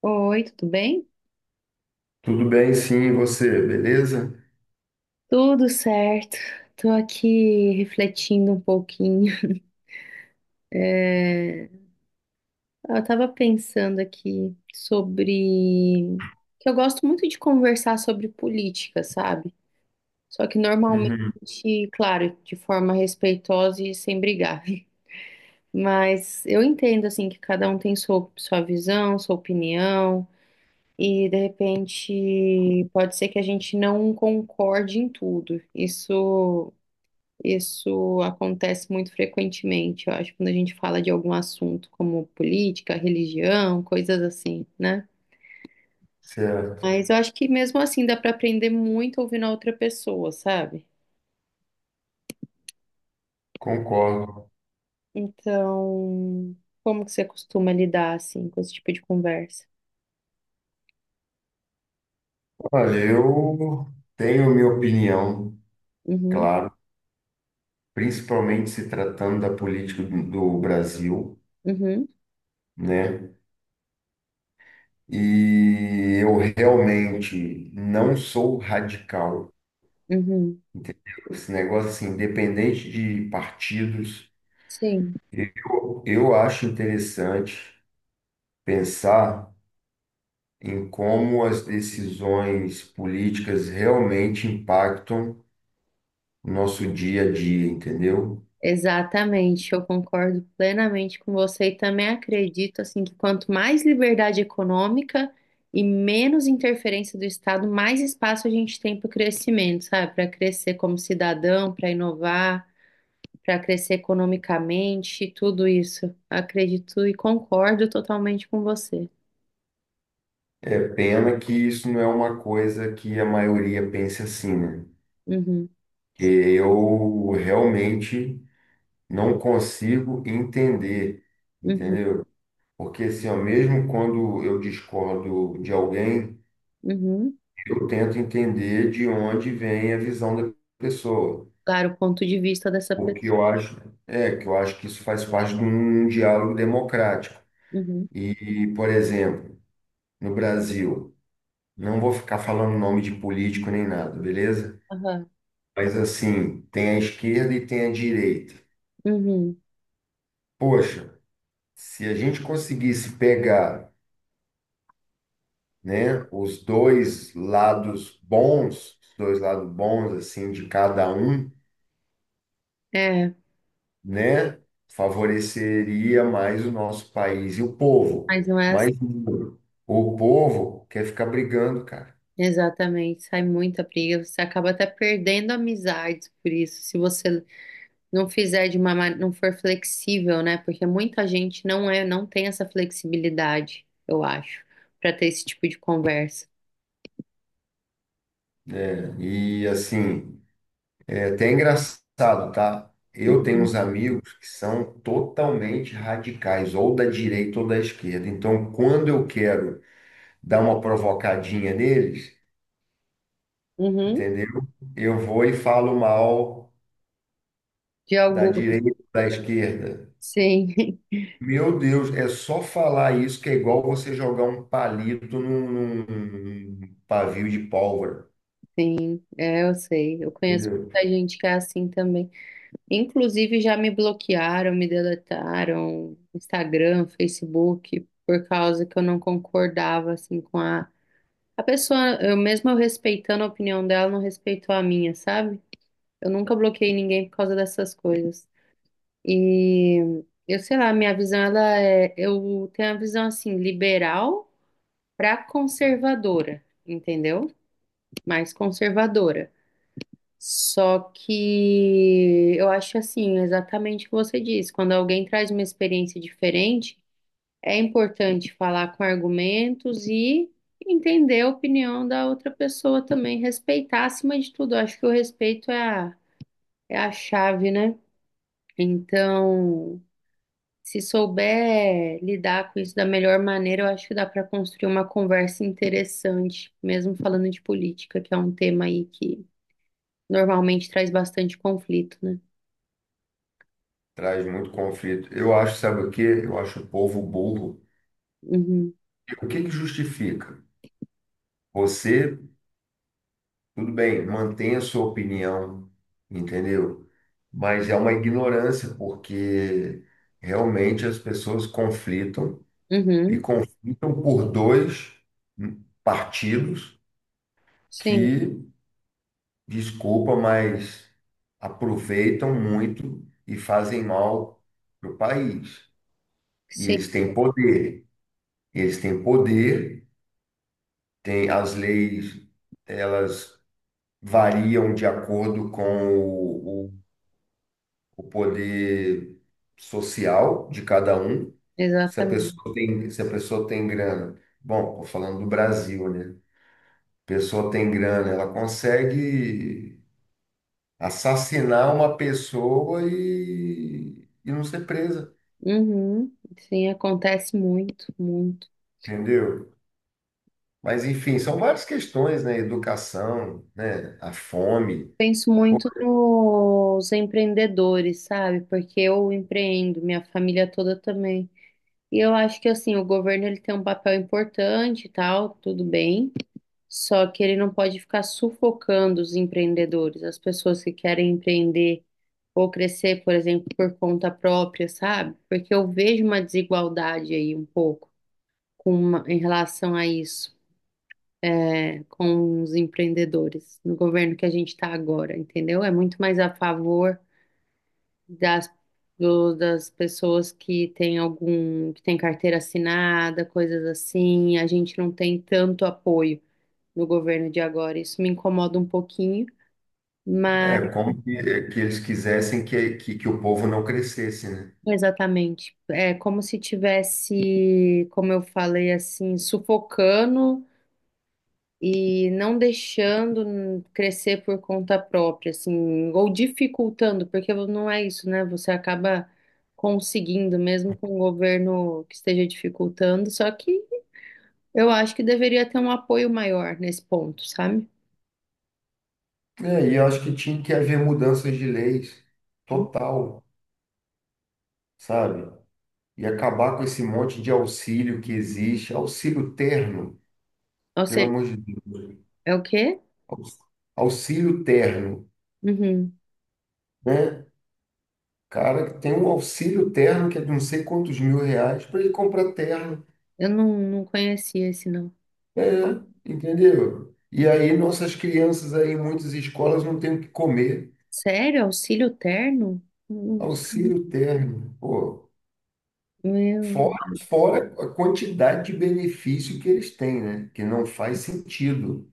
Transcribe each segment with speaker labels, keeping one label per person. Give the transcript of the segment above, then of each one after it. Speaker 1: Oi, tudo bem?
Speaker 2: Tudo bem, sim, e você, beleza?
Speaker 1: Tudo certo. Tô aqui refletindo um pouquinho. É, Eu tava pensando aqui sobre que eu gosto muito de conversar sobre política, sabe? Só que
Speaker 2: Uhum,
Speaker 1: normalmente, claro, de forma respeitosa e sem brigar. Mas eu entendo assim que cada um tem sua visão, sua opinião. E de repente pode ser que a gente não concorde em tudo. Isso Isso acontece muito frequentemente, eu acho, quando a gente fala de algum assunto como política, religião, coisas assim, né?
Speaker 2: certo,
Speaker 1: Mas eu acho que mesmo assim dá para aprender muito ouvindo a outra pessoa, sabe?
Speaker 2: concordo.
Speaker 1: Então, como que você costuma lidar assim com esse tipo de conversa?
Speaker 2: Olha, eu tenho minha opinião,
Speaker 1: Uhum,
Speaker 2: claro, principalmente se tratando da política do Brasil,
Speaker 1: uhum,
Speaker 2: né? E eu realmente não sou radical,
Speaker 1: uhum.
Speaker 2: entendeu? Esse negócio assim, independente de partidos,
Speaker 1: Sim.
Speaker 2: eu acho interessante pensar em como as decisões políticas realmente impactam o nosso dia a dia, entendeu?
Speaker 1: Exatamente, eu concordo plenamente com você e também acredito assim que quanto mais liberdade econômica e menos interferência do Estado, mais espaço a gente tem para o crescimento, sabe? Para crescer como cidadão, para inovar, para crescer economicamente, tudo isso. Acredito e concordo totalmente com você.
Speaker 2: É pena que isso não é uma coisa que a maioria pense assim, né?
Speaker 1: Uhum,
Speaker 2: Que eu realmente não consigo entender,
Speaker 1: uhum,
Speaker 2: entendeu? Porque assim, ó, mesmo quando eu discordo de alguém,
Speaker 1: uhum.
Speaker 2: eu tento entender de onde vem a visão da pessoa.
Speaker 1: Claro, o ponto de vista dessa
Speaker 2: O que
Speaker 1: pessoa.
Speaker 2: eu acho, que eu acho que isso faz parte de um diálogo democrático.
Speaker 1: Uhum,
Speaker 2: E, por exemplo, no Brasil, não vou ficar falando nome de político nem nada, beleza?
Speaker 1: aham,
Speaker 2: Mas assim, tem a esquerda e tem a direita.
Speaker 1: uhum.
Speaker 2: Poxa, se a gente conseguisse pegar, né, os dois lados bons, os dois lados bons assim de cada um,
Speaker 1: É,
Speaker 2: né, favoreceria mais o nosso país e o povo.
Speaker 1: mas não é assim.
Speaker 2: Mas o povo quer ficar brigando, cara,
Speaker 1: Exatamente, sai muita briga, você acaba até perdendo amizades por isso, se você não fizer de uma, não for flexível, né? Porque muita gente não é, não tem essa flexibilidade, eu acho, para ter esse tipo de conversa.
Speaker 2: né? E assim, é até engraçado, tá? Eu tenho uns amigos que são totalmente radicais, ou da direita ou da esquerda. Então, quando eu quero dar uma provocadinha neles,
Speaker 1: Uhum,
Speaker 2: entendeu? Eu vou e falo mal
Speaker 1: de
Speaker 2: da
Speaker 1: algum,
Speaker 2: direita, da esquerda.
Speaker 1: sim,
Speaker 2: Meu Deus, é só falar isso que é igual você jogar um palito num- pavio de pólvora.
Speaker 1: sim, é, eu sei, eu conheço
Speaker 2: Entendeu?
Speaker 1: muita gente que é assim também. Inclusive já me bloquearam, me deletaram, Instagram, Facebook, por causa que eu não concordava assim com a pessoa, eu mesmo eu respeitando a opinião dela, não respeitou a minha, sabe? Eu nunca bloqueei ninguém por causa dessas coisas. E eu sei lá, minha visão ela é, eu tenho a visão assim, liberal pra conservadora, entendeu? Mais conservadora. Só que eu acho assim, exatamente o que você disse, quando alguém traz uma experiência diferente, é importante falar com argumentos e entender a opinião da outra pessoa também, respeitar acima de tudo. Eu acho que o respeito é a chave, né? Então, se souber lidar com isso da melhor maneira, eu acho que dá para construir uma conversa interessante, mesmo falando de política, que é um tema aí que normalmente traz bastante conflito, né?
Speaker 2: Traz muito conflito. Eu acho, sabe o quê? Eu acho o povo burro.
Speaker 1: Uhum,
Speaker 2: O que que justifica? Você, tudo bem, mantenha a sua opinião, entendeu? Mas é uma ignorância, porque realmente as pessoas conflitam e
Speaker 1: uhum,
Speaker 2: conflitam por dois partidos
Speaker 1: sim,
Speaker 2: que, desculpa, mas aproveitam muito e fazem mal para o país. E
Speaker 1: sim,
Speaker 2: eles têm poder. Eles têm poder, têm as leis, elas variam de acordo com o, o o poder social de cada um. Se a
Speaker 1: exatamente.
Speaker 2: pessoa tem, se a pessoa tem grana, bom, estou falando do Brasil, né? Pessoa tem grana, ela consegue assassinar uma pessoa e não ser presa,
Speaker 1: Uhum, sim, acontece muito.
Speaker 2: entendeu? Mas enfim, são várias questões, né? Educação, né? A fome.
Speaker 1: Penso
Speaker 2: Pô,
Speaker 1: muito nos empreendedores, sabe? Porque eu empreendo, minha família toda também. E eu acho que assim, o governo ele tem um papel importante e tal, tudo bem. Só que ele não pode ficar sufocando os empreendedores, as pessoas que querem empreender ou crescer, por exemplo, por conta própria, sabe? Porque eu vejo uma desigualdade aí um pouco com em relação a isso é, com os empreendedores no governo que a gente está agora, entendeu? É muito mais a favor das, das pessoas que têm algum, que tem carteira assinada, coisas assim. A gente não tem tanto apoio no governo de agora. Isso me incomoda um pouquinho, mas
Speaker 2: é como que, eles quisessem que, que o povo não crescesse, né?
Speaker 1: exatamente. É como se tivesse, como eu falei assim, sufocando e não deixando crescer por conta própria, assim, ou dificultando, porque não é isso, né? Você acaba conseguindo, mesmo com o governo que esteja dificultando, só que eu acho que deveria ter um apoio maior nesse ponto, sabe?
Speaker 2: É, e eu acho que tinha que haver mudanças de leis, total. Sabe? E acabar com esse monte de auxílio que existe, auxílio terno,
Speaker 1: Ou
Speaker 2: pelo
Speaker 1: seja,
Speaker 2: amor de Deus.
Speaker 1: é o quê?
Speaker 2: Aux- Auxílio terno,
Speaker 1: Uhum.
Speaker 2: né? Cara, que tem um auxílio terno que é de não sei quantos mil reais para ele comprar terno.
Speaker 1: Eu não, não conhecia esse, não.
Speaker 2: É, entendeu? E aí nossas crianças aí em muitas escolas não têm o que comer.
Speaker 1: Sério? Auxílio terno? Não sabia.
Speaker 2: Auxílio terno, pô.
Speaker 1: Meu,
Speaker 2: Fora, fora a quantidade de benefício que eles têm, né? Que não faz sentido.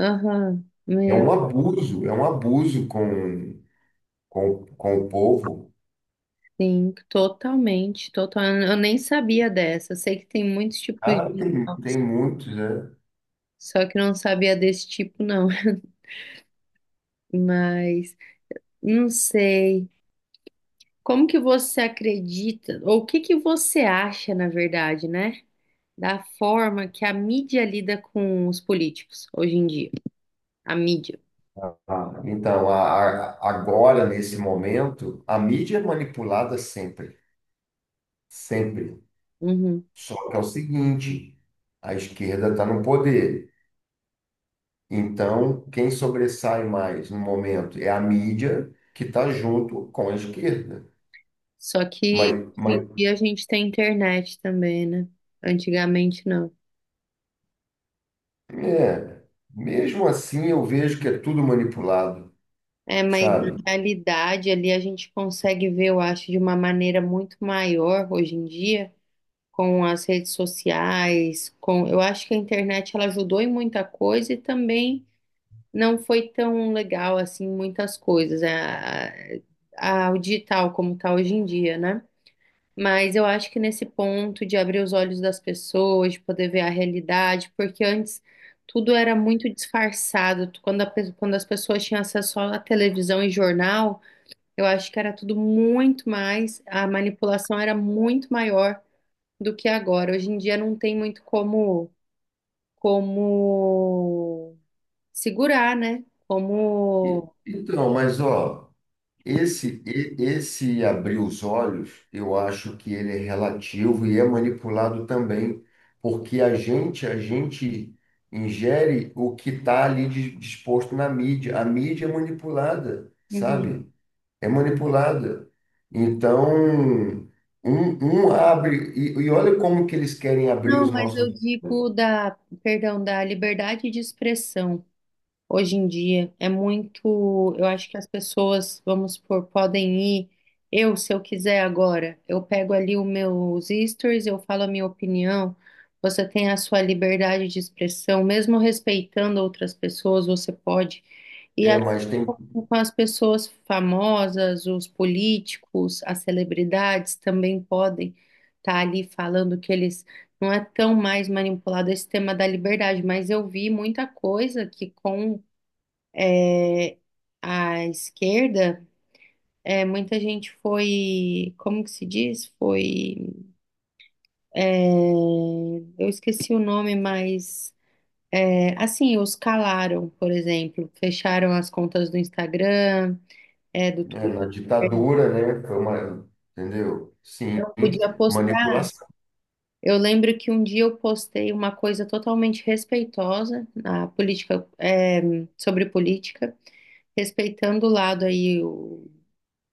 Speaker 1: aham, meu.
Speaker 2: É um abuso com com o povo?
Speaker 1: Sim, totalmente, total. Eu nem sabia dessa. Eu sei que tem muitos tipos de
Speaker 2: Ah, tem,
Speaker 1: inox,
Speaker 2: tem muitos, né?
Speaker 1: só que eu não sabia desse tipo, não. Mas não sei. Como que você acredita, ou o que que você acha, na verdade, né? Da forma que a mídia lida com os políticos hoje em dia. A mídia.
Speaker 2: Ah, então, agora, nesse momento, a mídia é manipulada sempre, sempre.
Speaker 1: Uhum.
Speaker 2: Só que é o seguinte, a esquerda está no poder. Então, quem sobressai mais no momento é a mídia que está junto com a esquerda.
Speaker 1: Só
Speaker 2: Mas,
Speaker 1: que hoje em
Speaker 2: mas
Speaker 1: dia a gente tem internet também, né? Antigamente não.
Speaker 2: é, mesmo assim eu vejo que é tudo manipulado,
Speaker 1: É, mas na
Speaker 2: sabe?
Speaker 1: realidade ali a gente consegue ver, eu acho, de uma maneira muito maior hoje em dia, com as redes sociais, com, eu acho que a internet ela ajudou em muita coisa e também não foi tão legal assim muitas coisas, o digital como tá hoje em dia, né? Mas eu acho que nesse ponto de abrir os olhos das pessoas, de poder ver a realidade, porque antes tudo era muito disfarçado. Quando, quando as pessoas tinham acesso só à televisão e jornal, eu acho que era tudo muito mais, a manipulação era muito maior do que agora. Hoje em dia não tem muito como, como segurar, né? Como.
Speaker 2: Então, mas ó. Esse, esse abrir os olhos, eu acho que ele é relativo e é manipulado também, porque a gente ingere o que está ali disposto na mídia. A mídia é manipulada,
Speaker 1: Uhum.
Speaker 2: sabe? É manipulada. Então, um abre, e olha como que eles querem abrir
Speaker 1: Não,
Speaker 2: os
Speaker 1: mas eu
Speaker 2: nossos.
Speaker 1: digo da, perdão, da liberdade de expressão hoje em dia. É muito. Eu acho que as pessoas, vamos supor, podem ir. Eu, se eu quiser agora, eu pego ali os meus stories, eu falo a minha opinião. Você tem a sua liberdade de expressão, mesmo respeitando outras pessoas, você pode. E
Speaker 2: É,
Speaker 1: assim
Speaker 2: mas tem,
Speaker 1: com as pessoas famosas, os políticos, as celebridades também podem estar ali falando que eles não é tão mais manipulado esse tema da liberdade, mas eu vi muita coisa que com a esquerda, é, muita gente foi, como que se diz? Foi, é, eu esqueci o nome, mas é, assim, os calaram, por exemplo, fecharam as contas do Instagram, é, do
Speaker 2: é,
Speaker 1: Twitter,
Speaker 2: na ditadura, né? Foi uma, entendeu? Sim,
Speaker 1: não podia postar.
Speaker 2: manipulação.
Speaker 1: Eu lembro que um dia eu postei uma coisa totalmente respeitosa na política, é, sobre política, respeitando o lado aí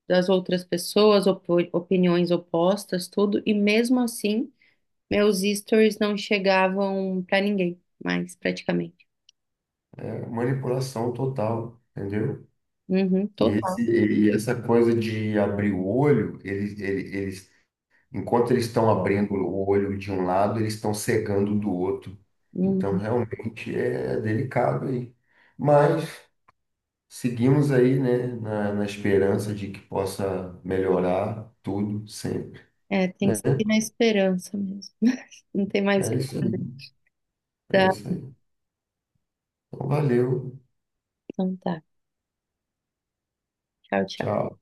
Speaker 1: das outras pessoas, opiniões opostas, tudo, e mesmo assim, meus stories não chegavam pra ninguém mais, praticamente.
Speaker 2: Manipulação total, entendeu?
Speaker 1: Uhum,
Speaker 2: E,
Speaker 1: total.
Speaker 2: esse, e essa coisa de abrir o olho, eles, enquanto eles estão abrindo o olho de um lado, eles estão cegando do outro. Então,
Speaker 1: Uhum.
Speaker 2: realmente é delicado aí. Mas seguimos aí, né, na esperança de que possa melhorar tudo sempre,
Speaker 1: É, tem
Speaker 2: né?
Speaker 1: que seguir na esperança mesmo. Não tem mais o
Speaker 2: É
Speaker 1: que
Speaker 2: isso aí,
Speaker 1: fazer.
Speaker 2: é
Speaker 1: Tá,
Speaker 2: isso aí. Então, valeu,
Speaker 1: então tá. Tchau, tchau.
Speaker 2: tchau.